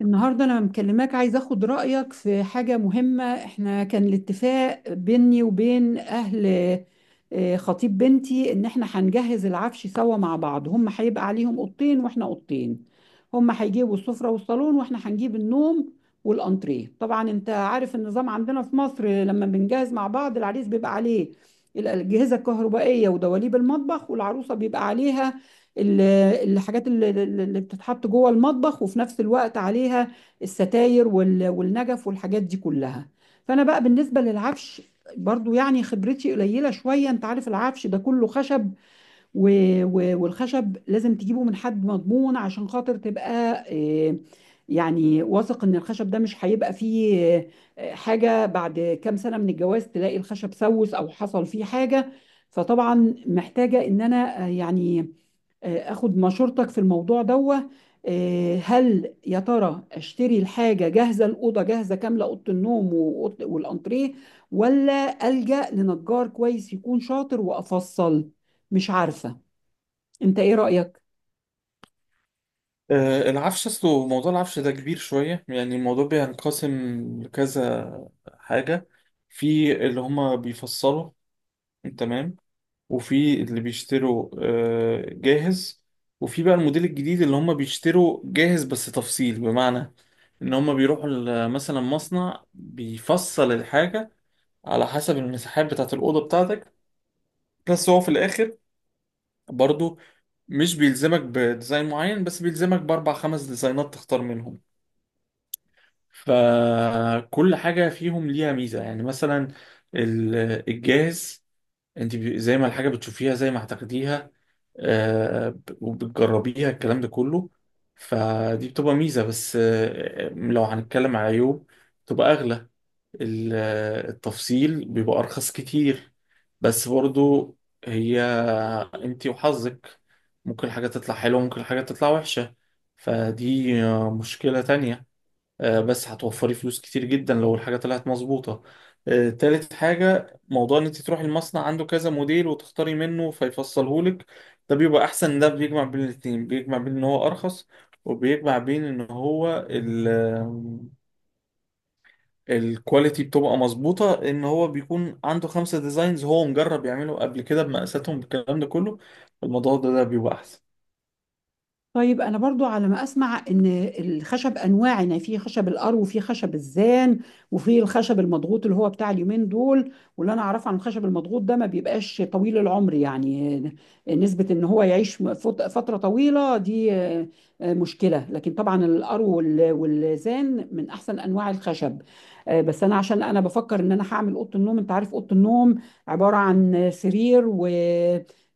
النهاردة أنا مكلماك، عايز أخد رأيك في حاجة مهمة. إحنا كان الاتفاق بيني وبين أهل خطيب بنتي إن إحنا هنجهز العفش سوا مع بعض. هم هيبقى عليهم أوضتين وإحنا أوضتين. هم هيجيبوا السفرة والصالون وإحنا هنجيب النوم والأنتريه. طبعا أنت عارف النظام عندنا في مصر، لما بنجهز مع بعض العريس بيبقى عليه الأجهزة الكهربائية ودواليب المطبخ، والعروسة بيبقى عليها ال- الحاجات اللي بتتحط جوه المطبخ، وفي نفس الوقت عليها الستاير والنجف والحاجات دي كلها. فانا بقى بالنسبه للعفش برضو يعني خبرتي قليله شويه، انت عارف العفش ده كله خشب و... والخشب لازم تجيبه من حد مضمون عشان خاطر تبقى آه، واثق ان الخشب ده مش هيبقى فيه حاجه، بعد كام سنه من الجواز تلاقي الخشب سوس او حصل فيه حاجه. فطبعا محتاجه ان انا اخد مشورتك في الموضوع دوه. هل يا ترى اشتري الحاجه جاهزه، الاوضه جاهزه كامله، اوضه النوم والانتريه، ولا الجا لنجار كويس يكون شاطر وافصل؟ مش عارفه، انت ايه رايك؟ العفش اصله موضوع العفش ده كبير شوية، يعني الموضوع بينقسم لكذا حاجة. في اللي هما بيفصلوا، تمام، وفي اللي بيشتروا جاهز، وفي بقى الموديل الجديد اللي هما بيشتروا جاهز بس تفصيل، بمعنى ان هما بيروحوا مثلا مصنع بيفصل الحاجة على حسب المساحات بتاعة الأوضة بتاعتك. بس هو في الآخر برضو مش بيلزمك بديزاين معين، بس بيلزمك بأربع خمس ديزاينات تختار منهم. فكل حاجة فيهم ليها ميزة، يعني مثلا ال- الجاهز، انت زي ما الحاجة بتشوفيها زي ما هتاخديها، وبتجربيها الكلام ده كله. فدي بتبقى ميزة، بس لو هنتكلم على عيوب، بتبقى أغلى. التفصيل بيبقى أرخص كتير، بس برضو هي انت وحظك، ممكن حاجة تطلع حلوة، ممكن حاجة تطلع وحشة. فدي مشكلة تانية. بس هتوفري فلوس كتير جدا لو الحاجة طلعت مظبوطة. تالت حاجة، موضوع ان انت تروحي المصنع، عنده كذا موديل وتختاري منه فيفصلهولك. ده بيبقى احسن، ده بيجمع بين الاتنين، بيجمع بين ان هو ارخص، وبيجمع بين ان هو الكواليتي بتبقى مظبوطة، ان هو بيكون عنده خمسة ديزاينز هو مجرب يعمله قبل كده بمقاساتهم بالكلام ده كله. الموضوع ده بيبقى احسن. طيب انا برضو على ما اسمع ان الخشب انواع، يعني في خشب القرو وفي خشب الزان وفي الخشب المضغوط اللي هو بتاع اليومين دول. واللي انا اعرفه عن الخشب المضغوط ده ما بيبقاش طويل العمر، يعني نسبة ان هو يعيش فترة طويلة دي مشكلة. لكن طبعا القرو والزان من احسن انواع الخشب. بس انا عشان انا بفكر ان انا هعمل اوضه النوم، انت عارف اوضه النوم عبارة عن سرير و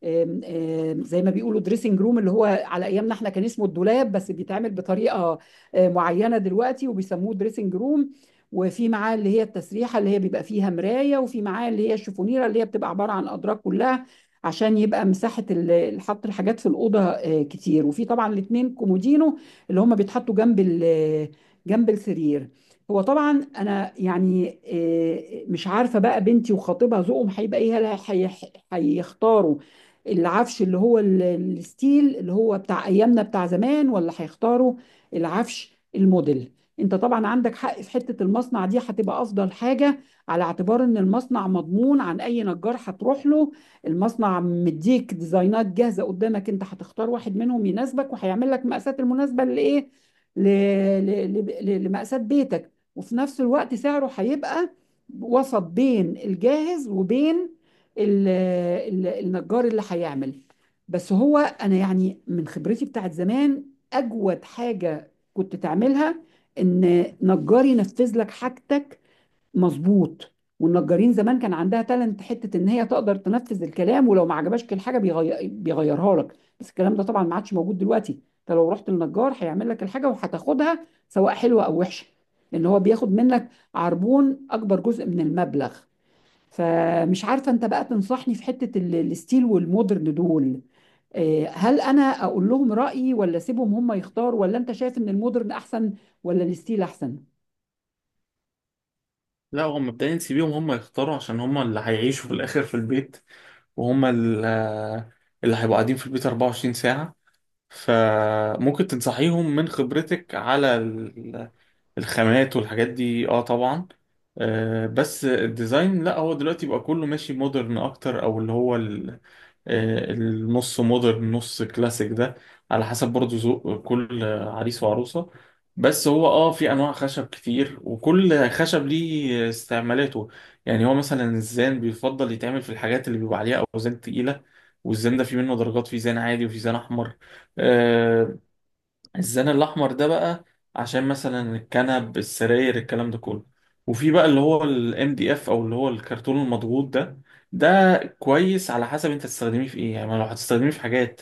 آم، آم، زي ما بيقولوا دريسنج روم، اللي هو على ايامنا احنا كان اسمه الدولاب، بس بيتعمل بطريقه معينه دلوقتي وبيسموه دريسنج روم. وفي معاه اللي هي التسريحه اللي هي بيبقى فيها مرايه، وفي معاه اللي هي الشفونيره اللي هي بتبقى عباره عن ادراج كلها عشان يبقى مساحه حط الحاجات في الاوضه كتير. وفي طبعا الاثنين كومودينو اللي هم بيتحطوا جنب السرير. هو طبعا انا يعني مش عارفه بقى بنتي وخطيبها ذوقهم هيبقى ايه، هيختاروا العفش اللي هو الستيل اللي هو بتاع ايامنا بتاع زمان، ولا هيختاروا العفش الموديل. انت طبعا عندك حق، في حتة المصنع دي هتبقى افضل حاجة على اعتبار ان المصنع مضمون عن اي نجار هتروح له. المصنع مديك ديزاينات جاهزة قدامك، انت هتختار واحد منهم يناسبك وهيعمل لك مقاسات المناسبة لايه، ل- ل- لمقاسات بيتك. وفي نفس الوقت سعره هيبقى وسط بين الجاهز وبين النجار اللي هيعمل. بس هو انا يعني من خبرتي بتاعت زمان، اجود حاجة كنت تعملها ان نجار ينفذ لك حاجتك مظبوط. والنجارين زمان كان عندها تالنت، حتة ان هي تقدر تنفذ الكلام، ولو ما عجبهاش الحاجة بيغيرها لك. بس الكلام ده طبعا ما عادش موجود دلوقتي. انت لو رحت للنجار هيعمل لك الحاجة وهتاخدها سواء حلوة او وحشة، ان هو بياخد منك عربون اكبر جزء من المبلغ. فمش عارفة، انت بقى تنصحني في حتة الستيل والمودرن دول. هل انا اقول لهم رأيي، ولا اسيبهم هم يختاروا، ولا انت شايف ان المودرن احسن ولا الستيل احسن؟ لا، هو مبدئيا سيبيهم هم يختاروا عشان هم اللي هيعيشوا في الاخر في البيت، وهم اللي هيبقوا قاعدين في البيت 24 ساعة. فممكن تنصحيهم من خبرتك على الخامات والحاجات دي، اه طبعا. بس الديزاين لا، هو دلوقتي بقى كله ماشي مودرن اكتر، او اللي هو النص مودرن نص كلاسيك ده، على حسب برضو ذوق كل عريس وعروسة. بس هو اه في انواع خشب كتير، وكل خشب ليه استعمالاته. يعني هو مثلا الزان بيفضل يتعمل في الحاجات اللي بيبقى عليها اوزان تقيلة. والزان ده في منه درجات، في زان عادي وفي زان احمر. آه، الزان الاحمر ده بقى عشان مثلا الكنب، السراير، الكلام ده كله. وفي بقى اللي هو الام دي اف، او اللي هو الكرتون المضغوط ده. ده كويس على حسب انت تستخدميه في ايه، يعني ما لو هتستخدميه في حاجات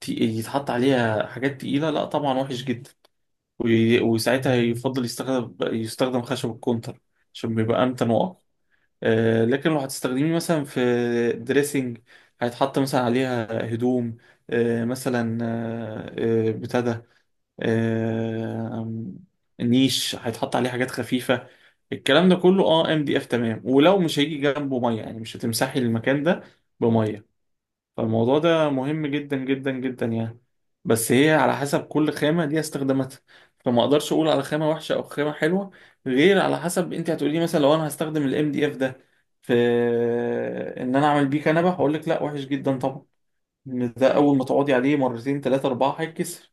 يتحط عليها حاجات تقيلة، لا طبعا وحش جدا. وساعتها يفضل يستخدم خشب الكونتر عشان بيبقى امتن واقوى. لكن لو هتستخدميه مثلا في دريسنج هيتحط مثلا عليها هدوم، آه، مثلا آه، آه، بتاع ده، آم، نيش هيتحط عليه حاجات خفيفة، الكلام ده كله اه ام دي اف، تمام. ولو مش هيجي جنبه ميه، يعني مش هتمسحي المكان ده بميه، فالموضوع ده مهم جدا جدا جدا يعني. بس هي على حسب كل خامة ليها استخداماتها، فما اقدرش اقول على خامة وحشة او خامة حلوة غير على حسب انت هتقولي لي. مثلا لو انا هستخدم الام دي اف ده في ان انا اعمل بيه كنبة، هقول لك لا وحش جدا طبعا، إن ده اول ما تقعدي عليه مرتين ثلاثة اربعة هيتكسر.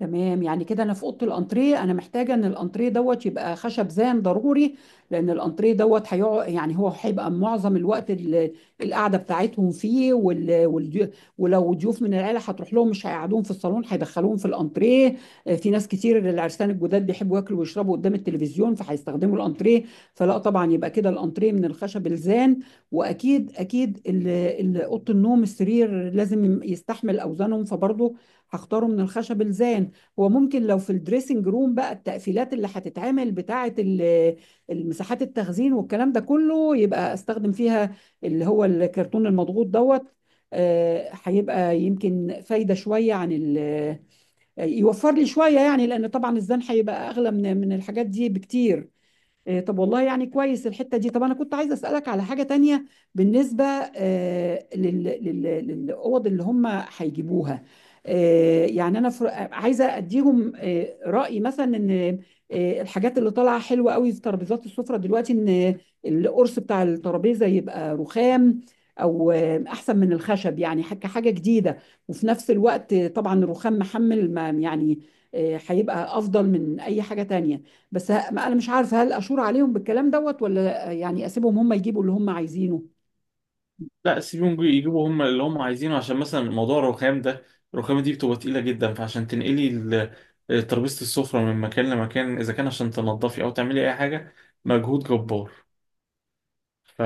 تمام، يعني كده انا في اوضه الانتريه انا محتاجه ان الانتريه دوت يبقى خشب زان ضروري، لان الانتريه دوت هيقعد يعني هو هيبقى معظم الوقت القعده بتاعتهم فيه. ولو ضيوف من العيله هتروح لهم مش هيقعدوهم في الصالون، هيدخلوهم في الانتريه. في ناس كتير العرسان الجداد بيحبوا ياكلوا ويشربوا قدام التلفزيون فهيستخدموا الانتريه. فلا طبعا يبقى كده الانتريه من الخشب الزان. واكيد اكيد اوضه النوم السرير لازم يستحمل اوزانهم، فبرضه هختاره من الخشب الزان. وممكن لو في الدريسنج روم بقى التقفيلات اللي هتتعمل بتاعة المساحات التخزين والكلام ده كله، يبقى استخدم فيها اللي هو الكرتون المضغوط دوت. هيبقى يمكن فايدة شوية عن يوفر لي شوية، يعني لأن طبعا الزن هيبقى أغلى من الحاجات دي بكتير. طب والله يعني كويس الحتة دي. طب أنا كنت عايزة أسألك على حاجة تانية بالنسبة للأوض اللي هم هيجيبوها. يعني أنا عايزة أديهم رأي، مثلا إن الحاجات اللي طالعة حلوة قوي في ترابيزات السفرة دلوقتي، إن القرص بتاع الترابيزة يبقى رخام، أو أحسن من الخشب، يعني حاجة حاجة جديدة. وفي نفس الوقت طبعا الرخام محمل، ما يعني هيبقى أفضل من أي حاجة تانية. بس ما انا مش عارفه هل اشور عليهم بالكلام دوت، ولا يعني اسيبهم هم يجيبوا اللي هم عايزينه. لا، سيبهم يجيبوا هم اللي هم عايزينه، عشان مثلا موضوع الرخام ده، الرخامة دي بتبقى تقيلة جدا، فعشان تنقلي ترابيزة السفرة من مكان لمكان إذا كان عشان تنضفي أو تعملي أي حاجة، مجهود جبار. ف...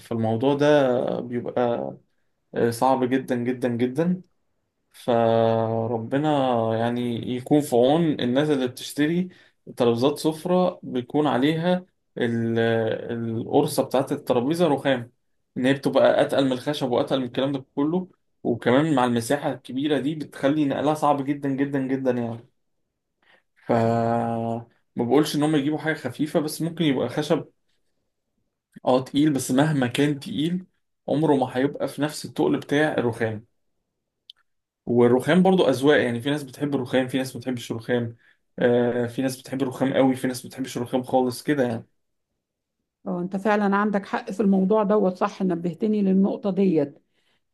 فالموضوع ده بيبقى صعب جدا جدا جدا. فربنا يعني يكون في عون الناس اللي بتشتري ترابيزات سفرة بيكون عليها ال- القرصة بتاعت الترابيزة رخام، إن هي بتبقى أتقل من الخشب وأتقل من الكلام ده كله، وكمان مع المساحة الكبيرة دي بتخلي نقلها صعب جدا جدا جدا يعني. ف ما بقولش إن هم يجيبوا حاجة خفيفة، بس ممكن يبقى خشب اه تقيل، بس مهما كان تقيل عمره ما هيبقى في نفس التقل بتاع الرخام. والرخام برضو أذواق، يعني في ناس بتحب الرخام، في ناس ما بتحبش الرخام، آه في ناس بتحب الرخام قوي، في ناس ما بتحبش الرخام خالص كده يعني. اه، انت فعلا عندك حق في الموضوع دوت، صح، نبهتني للنقطه ديت.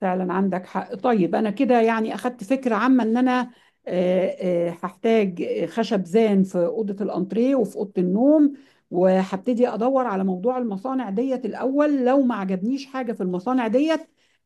فعلا عندك حق. طيب انا كده يعني اخدت فكره عامه ان انا هحتاج خشب زان في اوضه الانتريه وفي اوضه النوم. وهبتدي ادور على موضوع المصانع ديت الاول، لو ما عجبنيش حاجه في المصانع ديت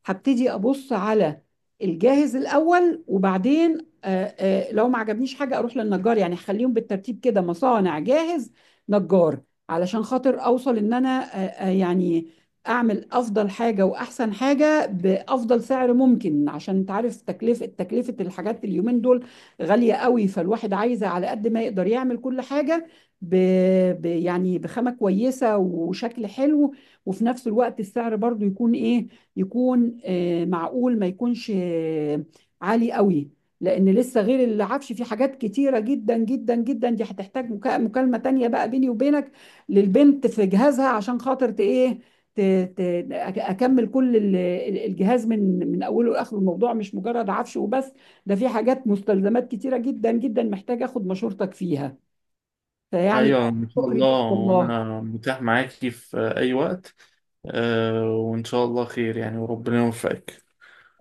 هبتدي ابص على الجاهز الاول، وبعدين لو ما عجبنيش حاجه اروح للنجار. يعني هخليهم بالترتيب كده، مصانع، جاهز، نجار، علشان خاطر اوصل ان انا آه، آه، يعني اعمل افضل حاجه واحسن حاجه بيها بافضل سعر ممكن. عشان انت عارف تكلفه الحاجات اليومين دول غاليه قوي، فالواحد عايز على قد ما يقدر يعمل كل حاجه ب... يعني بخامه كويسه وشكل حلو، وفي نفس الوقت السعر برضو يكون ايه، يكون معقول، ما يكونش عالي قوي. لان لسه غير العفش في حاجات كتيره جدا جدا جدا، دي هتحتاج مكالمه تانية بقى بيني وبينك للبنت في جهازها، عشان خاطر ت- ايه ت- ت- أك- اكمل كل الجهاز من اوله لاخره. الموضوع مش مجرد عفش وبس، ده في حاجات مستلزمات كتيره جدا جدا محتاج اخد مشورتك فيها فيعني. ايوه ان شاء شكر الله، ليك والله، وانا متاح معاكي في اي وقت. آه وان شاء الله خير يعني، وربنا يوفقك.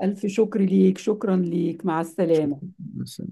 الف شكر ليك، شكرا ليك، مع السلامه. شكراً.